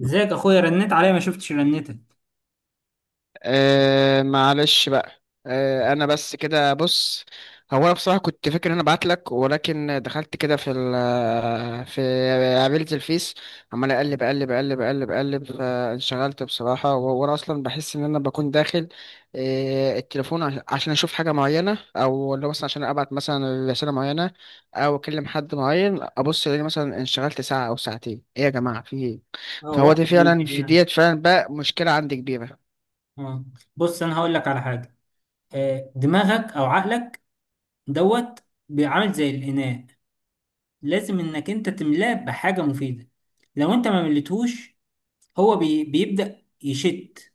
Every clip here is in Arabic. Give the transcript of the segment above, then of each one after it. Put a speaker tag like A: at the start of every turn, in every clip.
A: ازيك اخويا رنيت عليا ما شفتش رنتك.
B: آه معلش بقى. انا بس كده، بص. هو انا بصراحه كنت فاكر ان انا ابعت لك، ولكن دخلت كده في ال، في قابلت الفيس. عمال اقلب اقلب اقلب اقلب اقلب، فانشغلت بصراحه. وهو انا اصلا بحس ان انا بكون داخل التليفون عشان اشوف حاجه معينه، او اللي هو مثلا عشان ابعت مثلا رساله معينه، او اكلم حد معين. ابص الاقي مثلا انشغلت ساعه او ساعتين، ايه يا جماعه، في ايه؟
A: اه،
B: فهو ده
A: وقت
B: فعلا
A: بيضيع
B: في
A: يعني.
B: ديت فعلا بقى مشكله عندي كبيره.
A: اه، بص انا هقول لك على حاجه. دماغك او عقلك دوت بيعمل زي الاناء. لازم انك انت تملاه بحاجه مفيده. لو انت ما مليتهوش، هو بيبدا يشت.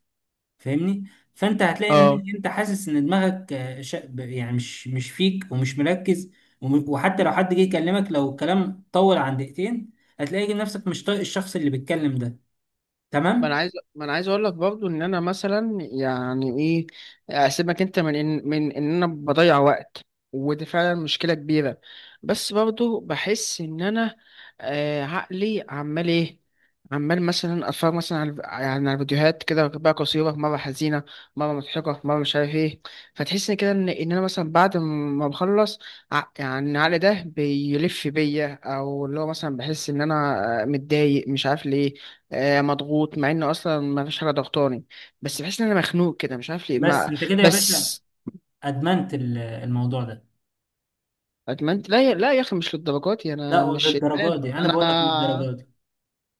A: فاهمني؟ فانت هتلاقي ان انت حاسس ان دماغك، يعني مش فيك ومش مركز. وحتى لو حد جه يكلمك، لو الكلام طول عن دقيقتين هتلاقي نفسك مش طايق الشخص اللي بيتكلم ده.
B: ما انا
A: تمام؟
B: عايز ما انا عايز اقول لك برضو ان انا مثلا، يعني ايه، اسيبك انت من ان انا بضيع وقت، ودي فعلا مشكله كبيره. بس برضو بحس ان انا، عقلي عمال ايه، عمال مثلا اتفرج مثلا على، يعني على فيديوهات كده بقى، قصيره، مره حزينه، مره مضحكه، مره مش عارف ايه. فتحس إن كده ان انا مثلا بعد ما بخلص، يعني العقل ده بيلف بيا، او اللي هو مثلا بحس ان انا متضايق مش عارف ليه، مضغوط، مع ان اصلا ما فيش حاجه ضغطاني. بس بحس ان انا مخنوق كده مش عارف ليه
A: بس
B: ما.
A: انت كده يا باشا
B: بس
A: ادمنت الموضوع ده.
B: ادمنت؟ لا، لا يا اخي، مش للدرجات دي،
A: لا
B: انا مش
A: للدرجه
B: ادمان.
A: دي، انا
B: انا
A: بقول لك للدرجه دي.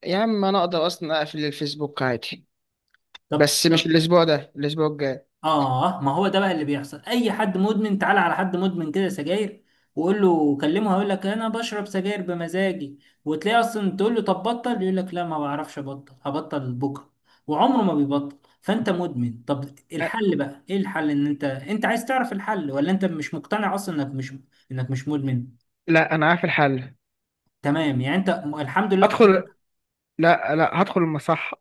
B: يا عم انا اقدر اصلا اقفل الفيسبوك عادي،
A: طب
B: بس مش
A: طب
B: الاسبوع ده، الاسبوع الجاي.
A: اه ما هو ده بقى اللي بيحصل. اي حد مدمن، تعال على حد مدمن كده سجاير وقول له كلمه هيقول لك انا بشرب سجاير بمزاجي. وتلاقي اصلا تقول له طب بطل يقول لك لا ما بعرفش ابطل، هبطل بكره، وعمره ما بيبطل. فانت مدمن. طب
B: أ-
A: الحل بقى ايه؟ الحل ان انت، انت عايز تعرف الحل ولا انت مش مقتنع اصلا انك مش، انك مش مدمن؟
B: لا انا عارف الحل.
A: تمام، يعني انت الحمد لله اقتنعت.
B: ادخل؟ لا لا، هدخل المصح.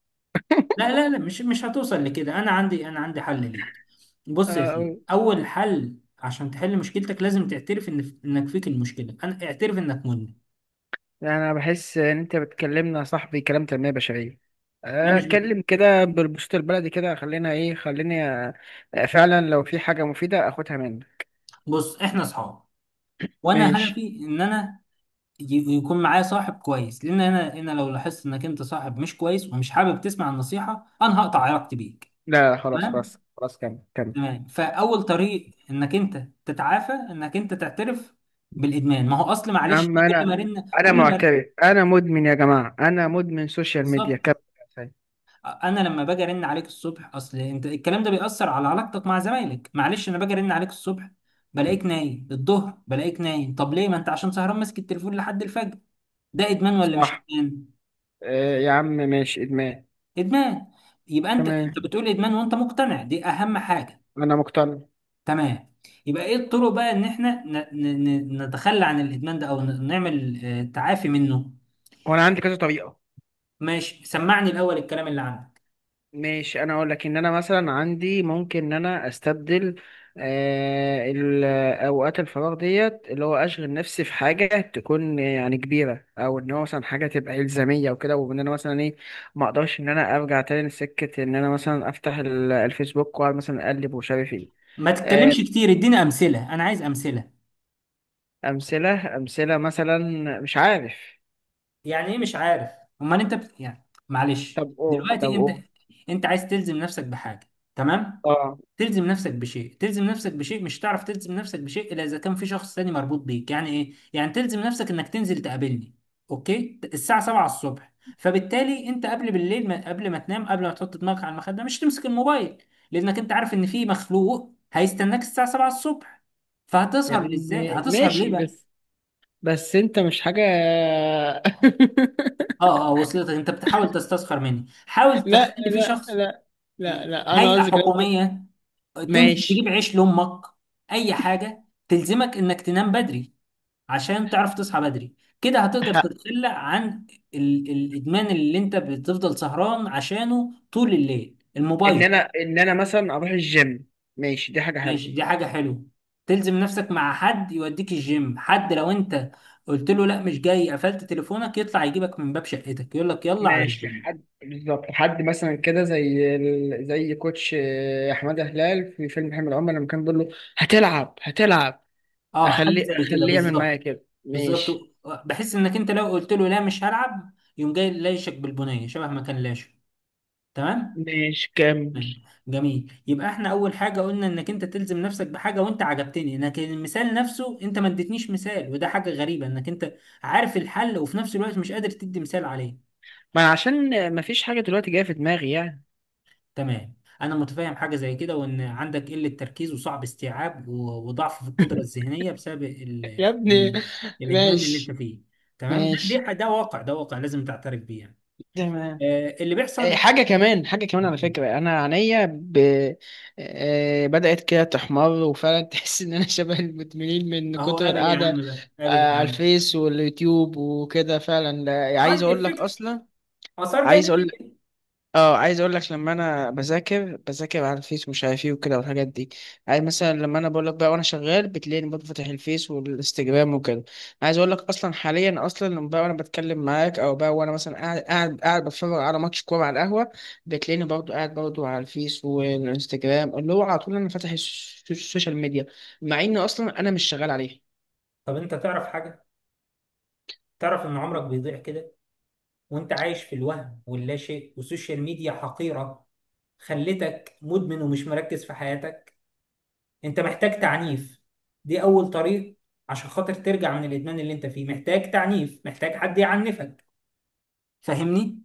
A: لا لا لا، مش هتوصل لكده. انا عندي حل ليك. بص يا سيدي،
B: أه،
A: اول حل عشان تحل مشكلتك لازم تعترف ان انك فيك المشكله. انا اعترف انك مدمن.
B: يعني انا بحس ان انت بتكلمنا يا صاحبي كلام تنمية بشرية.
A: لا مش بك.
B: اتكلم كده بالبسط البلدي كده، خلينا ايه خليني. فعلا لو في حاجة مفيدة اخدها منك.
A: بص احنا اصحاب، وانا
B: ماشي.
A: هدفي ان انا يكون معايا صاحب كويس. لان انا لو لاحظت انك انت صاحب مش كويس ومش حابب تسمع النصيحه انا هقطع علاقتي بيك.
B: لا خلاص خلاص
A: تمام.
B: خلاص، كمل كمل.
A: تمام، فاول طريق انك انت تتعافى انك انت تعترف بالادمان. ما هو اصل
B: يا
A: معلش،
B: عم
A: كل ما
B: انا
A: رن
B: انا
A: كل ما
B: معترف، انا مدمن يا جماعه، انا مدمن سوشيال ميديا،
A: بالظبط.
B: كمل.
A: انا لما باجي ارن عليك الصبح، اصل انت الكلام ده بيأثر على علاقتك مع زمايلك. معلش انا باجي ارن عليك الصبح بلاقيك نايم، الظهر بلاقيك نايم. طب ليه؟ ما انت عشان سهران ماسك التليفون لحد الفجر. ده ادمان ولا مش
B: صح.
A: ادمان؟
B: آه يا عم، ماشي ادمان.
A: ادمان. يبقى انت، انت
B: تمام،
A: بتقول ادمان وانت مقتنع، دي اهم حاجة.
B: انا مقتنع.
A: تمام. يبقى ايه الطرق بقى ان احنا ن... ن... نتخلى عن الادمان ده، او نعمل تعافي منه.
B: وانا عندي كذا طريقه.
A: ماشي، سمعني الاول الكلام اللي عندك.
B: ماشي، انا اقول لك ان انا مثلا عندي، ممكن ان انا استبدل آه، ال- اوقات الفراغ ديت، اللي هو اشغل نفسي في حاجه تكون يعني كبيره، او ان هو مثلا حاجه تبقى الزاميه وكده، وان انا مثلا ايه، ما اقدرش ان انا ارجع تاني لسكه ان انا مثلا افتح الفيسبوك واقعد مثلا اقلب ومش عارف ايه.
A: ما تتكلمش
B: آه،
A: كتير، اديني امثلة. انا عايز امثلة.
B: امثله، امثله مثلا، مش عارف.
A: يعني ايه مش عارف؟ امال انت بت... يعني معلش
B: طب طب
A: دلوقتي انت،
B: قول.
A: انت عايز تلزم نفسك بحاجه. تمام.
B: اه
A: تلزم نفسك بشيء، تلزم نفسك بشيء، مش تعرف تلزم نفسك بشيء الا اذا كان في شخص تاني مربوط بيك. يعني ايه؟ يعني تلزم نفسك انك تنزل تقابلني اوكي الساعه 7 الصبح. فبالتالي انت قبل بالليل ما... قبل ما تنام، قبل ما تحط دماغك على المخده مش تمسك الموبايل، لانك انت عارف ان في مخلوق هيستناك الساعه 7 الصبح. فهتسهر
B: يعني
A: ازاي؟ هتسهر
B: ماشي.
A: ليه؟
B: بس انت مش حاجه.
A: اه اه، وصلتك. انت بتحاول تستسخر مني. حاول
B: لا
A: تخلي في
B: لا
A: شخص،
B: لا لا لا، انا
A: هيئة
B: قصدي كلام.
A: حكومية، تنزل تجيب
B: ماشي،
A: عيش لأمك، أي حاجة تلزمك إنك تنام بدري عشان تعرف تصحى بدري. كده هتقدر
B: ه-
A: تتخلى عن الإدمان اللي أنت بتفضل سهران عشانه طول الليل
B: ان
A: الموبايل.
B: انا ان انا مثلا اروح الجيم. ماشي دي حاجه حلوه.
A: ماشي، دي حاجة حلوة. تلزم نفسك مع حد يوديك الجيم، حد لو أنت قلت له لا مش جاي قفلت تليفونك يطلع يجيبك من باب شقتك يقول لك يلا على
B: ماشي
A: الجيم.
B: حد بالظبط، حد مثلا كده زي زي كوتش احمد هلال في فيلم حمل عمر لما كان بيقول له هتلعب هتلعب.
A: اه، حاجة
B: اخليه
A: زي كده
B: اخليه يعمل معايا
A: بالظبط.
B: كده،
A: بالظبط.
B: ماشي.
A: بحس انك انت لو قلت له لا مش هلعب يقوم جاي لايشك بالبنيه شبه ما كان لاشك. تمام.
B: ماشي كمل.
A: جميل. يبقى احنا اول حاجه قلنا انك انت تلزم نفسك بحاجه، وانت عجبتني، لكن المثال نفسه انت ما اديتنيش مثال. وده حاجه غريبه انك انت عارف الحل وفي نفس الوقت مش قادر تدي مثال عليه.
B: ما أنا عشان ما فيش حاجه دلوقتي جايه في دماغي يعني.
A: تمام، انا متفاهم. حاجه زي كده، وان عندك قله تركيز وصعب استيعاب وضعف في القدره الذهنيه بسبب ال...
B: يا ابني.
A: ال... الادمان اللي انت
B: ماشي،
A: فيه. تمام، ده
B: ماشي
A: ده ده واقع، ده واقع، لازم تعترف بيه يعني.
B: تمام.
A: اللي بيحصل.
B: حاجة كمان، حاجة كمان على فكرة، أنا عينيا بدأت كده تحمر، وفعلا تحس إن أنا شبه المدمنين من
A: اهو
B: كتر
A: قابل يا
B: القعدة
A: عم بقى، قابل يا
B: على
A: عم.
B: الفيس واليوتيوب وكده. فعلا لا، عايز
A: سايد
B: أقول لك
A: افكتس،
B: أصلا،
A: اثار
B: عايز أقول
A: جانبيه.
B: اه عايز اقول لك لما انا بذاكر، على الفيس ومش عارف ايه وكده والحاجات دي. عايز مثلا لما انا بقول لك بقى، وانا شغال بتلاقيني برضه فاتح الفيس والانستجرام وكده. عايز اقول لك اصلا حاليا، اصلا لما بقى وانا بتكلم معاك، او بقى وانا مثلا قاعد، بتفرج على ماتش كوره على القهوه، بتلاقيني برضه قاعد برضه على الفيس والانستجرام، اللي هو على طول انا فاتح السوشيال ميديا، مع ان اصلا انا مش شغال عليها.
A: طب انت تعرف حاجه؟ تعرف ان عمرك بيضيع كده وانت عايش في الوهم واللا شيء؟ والسوشيال ميديا حقيره، خلتك مدمن ومش مركز في حياتك. انت محتاج تعنيف، دي اول طريق. عشان خاطر ترجع من الادمان اللي انت فيه محتاج تعنيف، محتاج حد يعنفك. فاهمني؟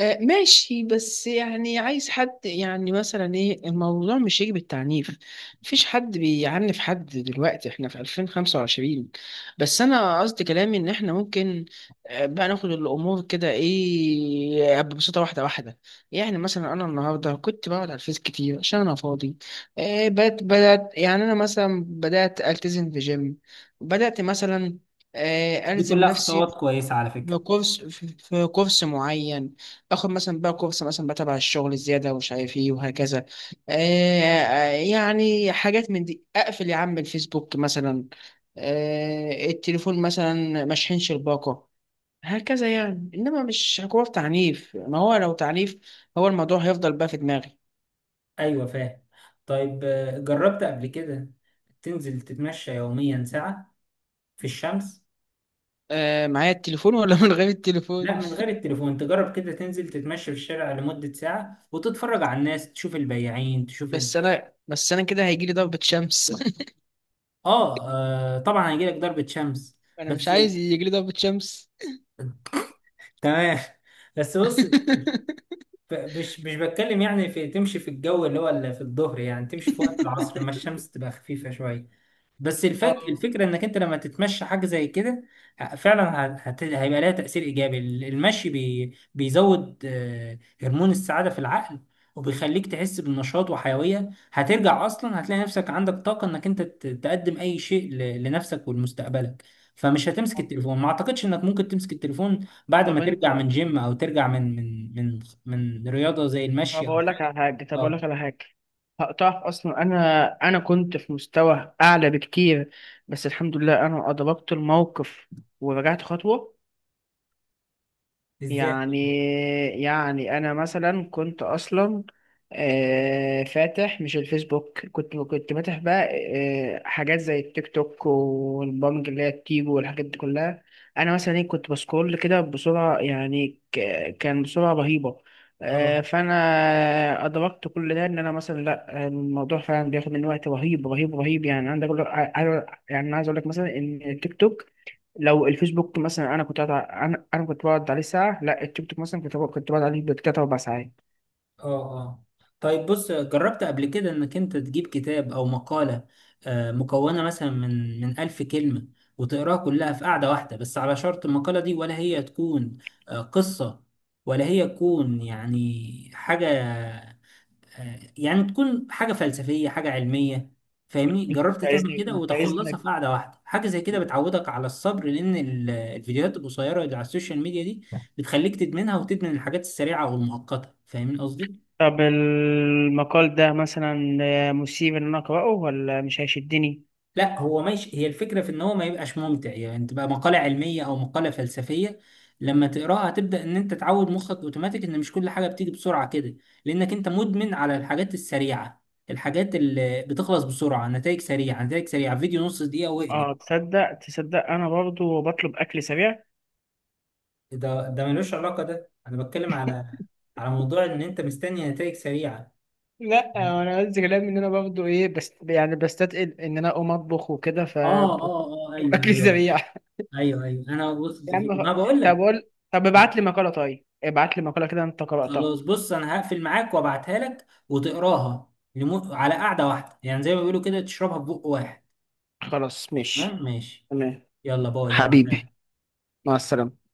B: ماشي، بس يعني عايز حد يعني مثلا ايه، الموضوع مش يجي بالتعنيف. مفيش حد بيعنف حد دلوقتي، احنا في 2025. بس انا قصدي كلامي ان احنا ممكن بقى ناخد الامور كده ايه آه، ببساطه، واحده واحده. يعني مثلا انا النهارده كنت بقعد على الفيس كتير عشان انا فاضي. بدات، يعني انا مثلا بدات التزم في جيم، بدات مثلا
A: دي
B: الزم
A: كلها
B: نفسي
A: خطوات كويسه على فكره.
B: في كورس، في كورس معين، باخد مثلا بقى كورس مثلا بقى تبع الشغل الزيادة ومش عارف ايه، وهكذا. يعني حاجات من دي، اقفل يا عم الفيسبوك مثلا، التليفون مثلا مشحنش الباقة، هكذا يعني. انما مش حكومة تعنيف، ما هو لو تعنيف هو الموضوع هيفضل بقى في دماغي.
A: ايوه فاهم. طيب جربت قبل كده تنزل تتمشى يوميا ساعة في الشمس؟
B: آه، معايا التليفون ولا من غير
A: لا
B: التليفون؟
A: من غير التليفون. تجرب كده تنزل تتمشى في الشارع لمدة ساعة وتتفرج على الناس، تشوف البياعين، تشوف ال...
B: بس انا كده هيجيلي ضربة شمس.
A: آه. اه طبعا هيجيلك ضربة شمس،
B: انا مش
A: بس
B: عايز يجيلي ضربة شمس.
A: تمام. بس بص، مش بتكلم يعني في تمشي في الجو اللي هو اللي في الظهر، يعني تمشي في وقت العصر لما الشمس تبقى خفيفة شوية. بس الفك...
B: اه.
A: الفكرة انك انت لما تتمشى حاجة زي كده فعلا هت... هيبقى لها تأثير ايجابي. المشي بي... بيزود هرمون السعادة في العقل، وبيخليك تحس بالنشاط وحيوية. هترجع اصلا هتلاقي نفسك عندك طاقة انك انت تقدم اي شيء ل... لنفسك ولمستقبلك. فمش هتمسك التليفون. ما اعتقدش انك ممكن تمسك التليفون بعد ما
B: طب
A: ترجع من
B: انت
A: جيم او ترجع من من من رياضة زي المشي او حاجة.
B: طب اقول
A: اه،
B: لك على حاجه، هقطعك اصلا. انا كنت في مستوى اعلى بكتير، بس الحمد لله انا ادركت الموقف ورجعت خطوه.
A: ازاي؟
B: يعني، انا مثلا كنت اصلا فاتح مش الفيسبوك، كنت فاتح بقى حاجات زي التيك توك والبرامج اللي هي التيجو والحاجات دي كلها. انا مثلا ايه كنت بسكرول كده بسرعه، يعني كان بسرعه رهيبه.
A: اه
B: فانا ادركت كل ده، ان انا مثلا لا الموضوع فعلا بياخد من وقت رهيب رهيب رهيب يعني. عندك يعني عايز اقول لك مثلا ان التيك توك لو الفيسبوك مثلا، انا كنت قاعد انا كنت بقعد عليه ساعه. لا التيك توك مثلا كنت بقعد عليه بالتلات اربع ساعات.
A: اه اه. طيب بص، جربت قبل كده انك انت تجيب كتاب او مقالة مكونة مثلا من ألف كلمة وتقراها كلها في قعدة واحدة؟ بس على شرط المقالة دي، ولا هي تكون قصة، ولا هي تكون يعني حاجة، يعني تكون حاجة فلسفية، حاجة علمية. فاهمني؟ جربت تعمل
B: عايزني
A: كده
B: انت،
A: وتخلصها
B: عايزنك.
A: في قعدة واحدة؟ حاجة زي كده بتعودك على الصبر، لأن الفيديوهات القصيرة اللي على السوشيال ميديا دي بتخليك تدمنها وتدمن الحاجات السريعة والمؤقتة. فاهمين قصدي؟
B: طب المقال ده مثلا مثير ان انا اقراه ولا مش هيشدني؟
A: لا هو ماشي، هي الفكرة في ان هو ما يبقاش ممتع، يعني تبقى مقالة علمية او مقالة فلسفية. لما تقراها تبدأ ان انت تعود مخك اوتوماتيك ان مش كل حاجة بتيجي بسرعة كده، لانك انت مدمن على الحاجات السريعة، الحاجات اللي بتخلص بسرعة، نتائج سريعة، نتائج سريعة، فيديو نص دقيقة واقلب.
B: اه تصدق تصدق انا برضو بطلب اكل سريع.
A: ده ملوش علاقة، ده انا بتكلم على، على موضوع ان انت مستني نتائج سريعة.
B: لا انا قصدي كلام ان انا برضو ايه، بس يعني بستثقل ان انا اقوم اطبخ وكده، ف
A: اه اه اه.
B: بطلب
A: ايوه
B: اكل
A: ايوه
B: سريع.
A: ايوه ايوه انا وصلت
B: يا عم
A: ما بقول
B: طب
A: لك.
B: قول، طب ابعت لي مقاله، طيب ابعت لي مقاله كده انت قراتها.
A: خلاص بص، انا هقفل معاك وابعتها لك وتقراها لمو... على قعدة واحدة، يعني زي ما بيقولوا كده تشربها في بق واحد.
B: خلاص ماشي.
A: تمام، ماشي.
B: تمام.
A: يلا باي، هبعتها
B: حبيبي،
A: لك.
B: مع السلامة.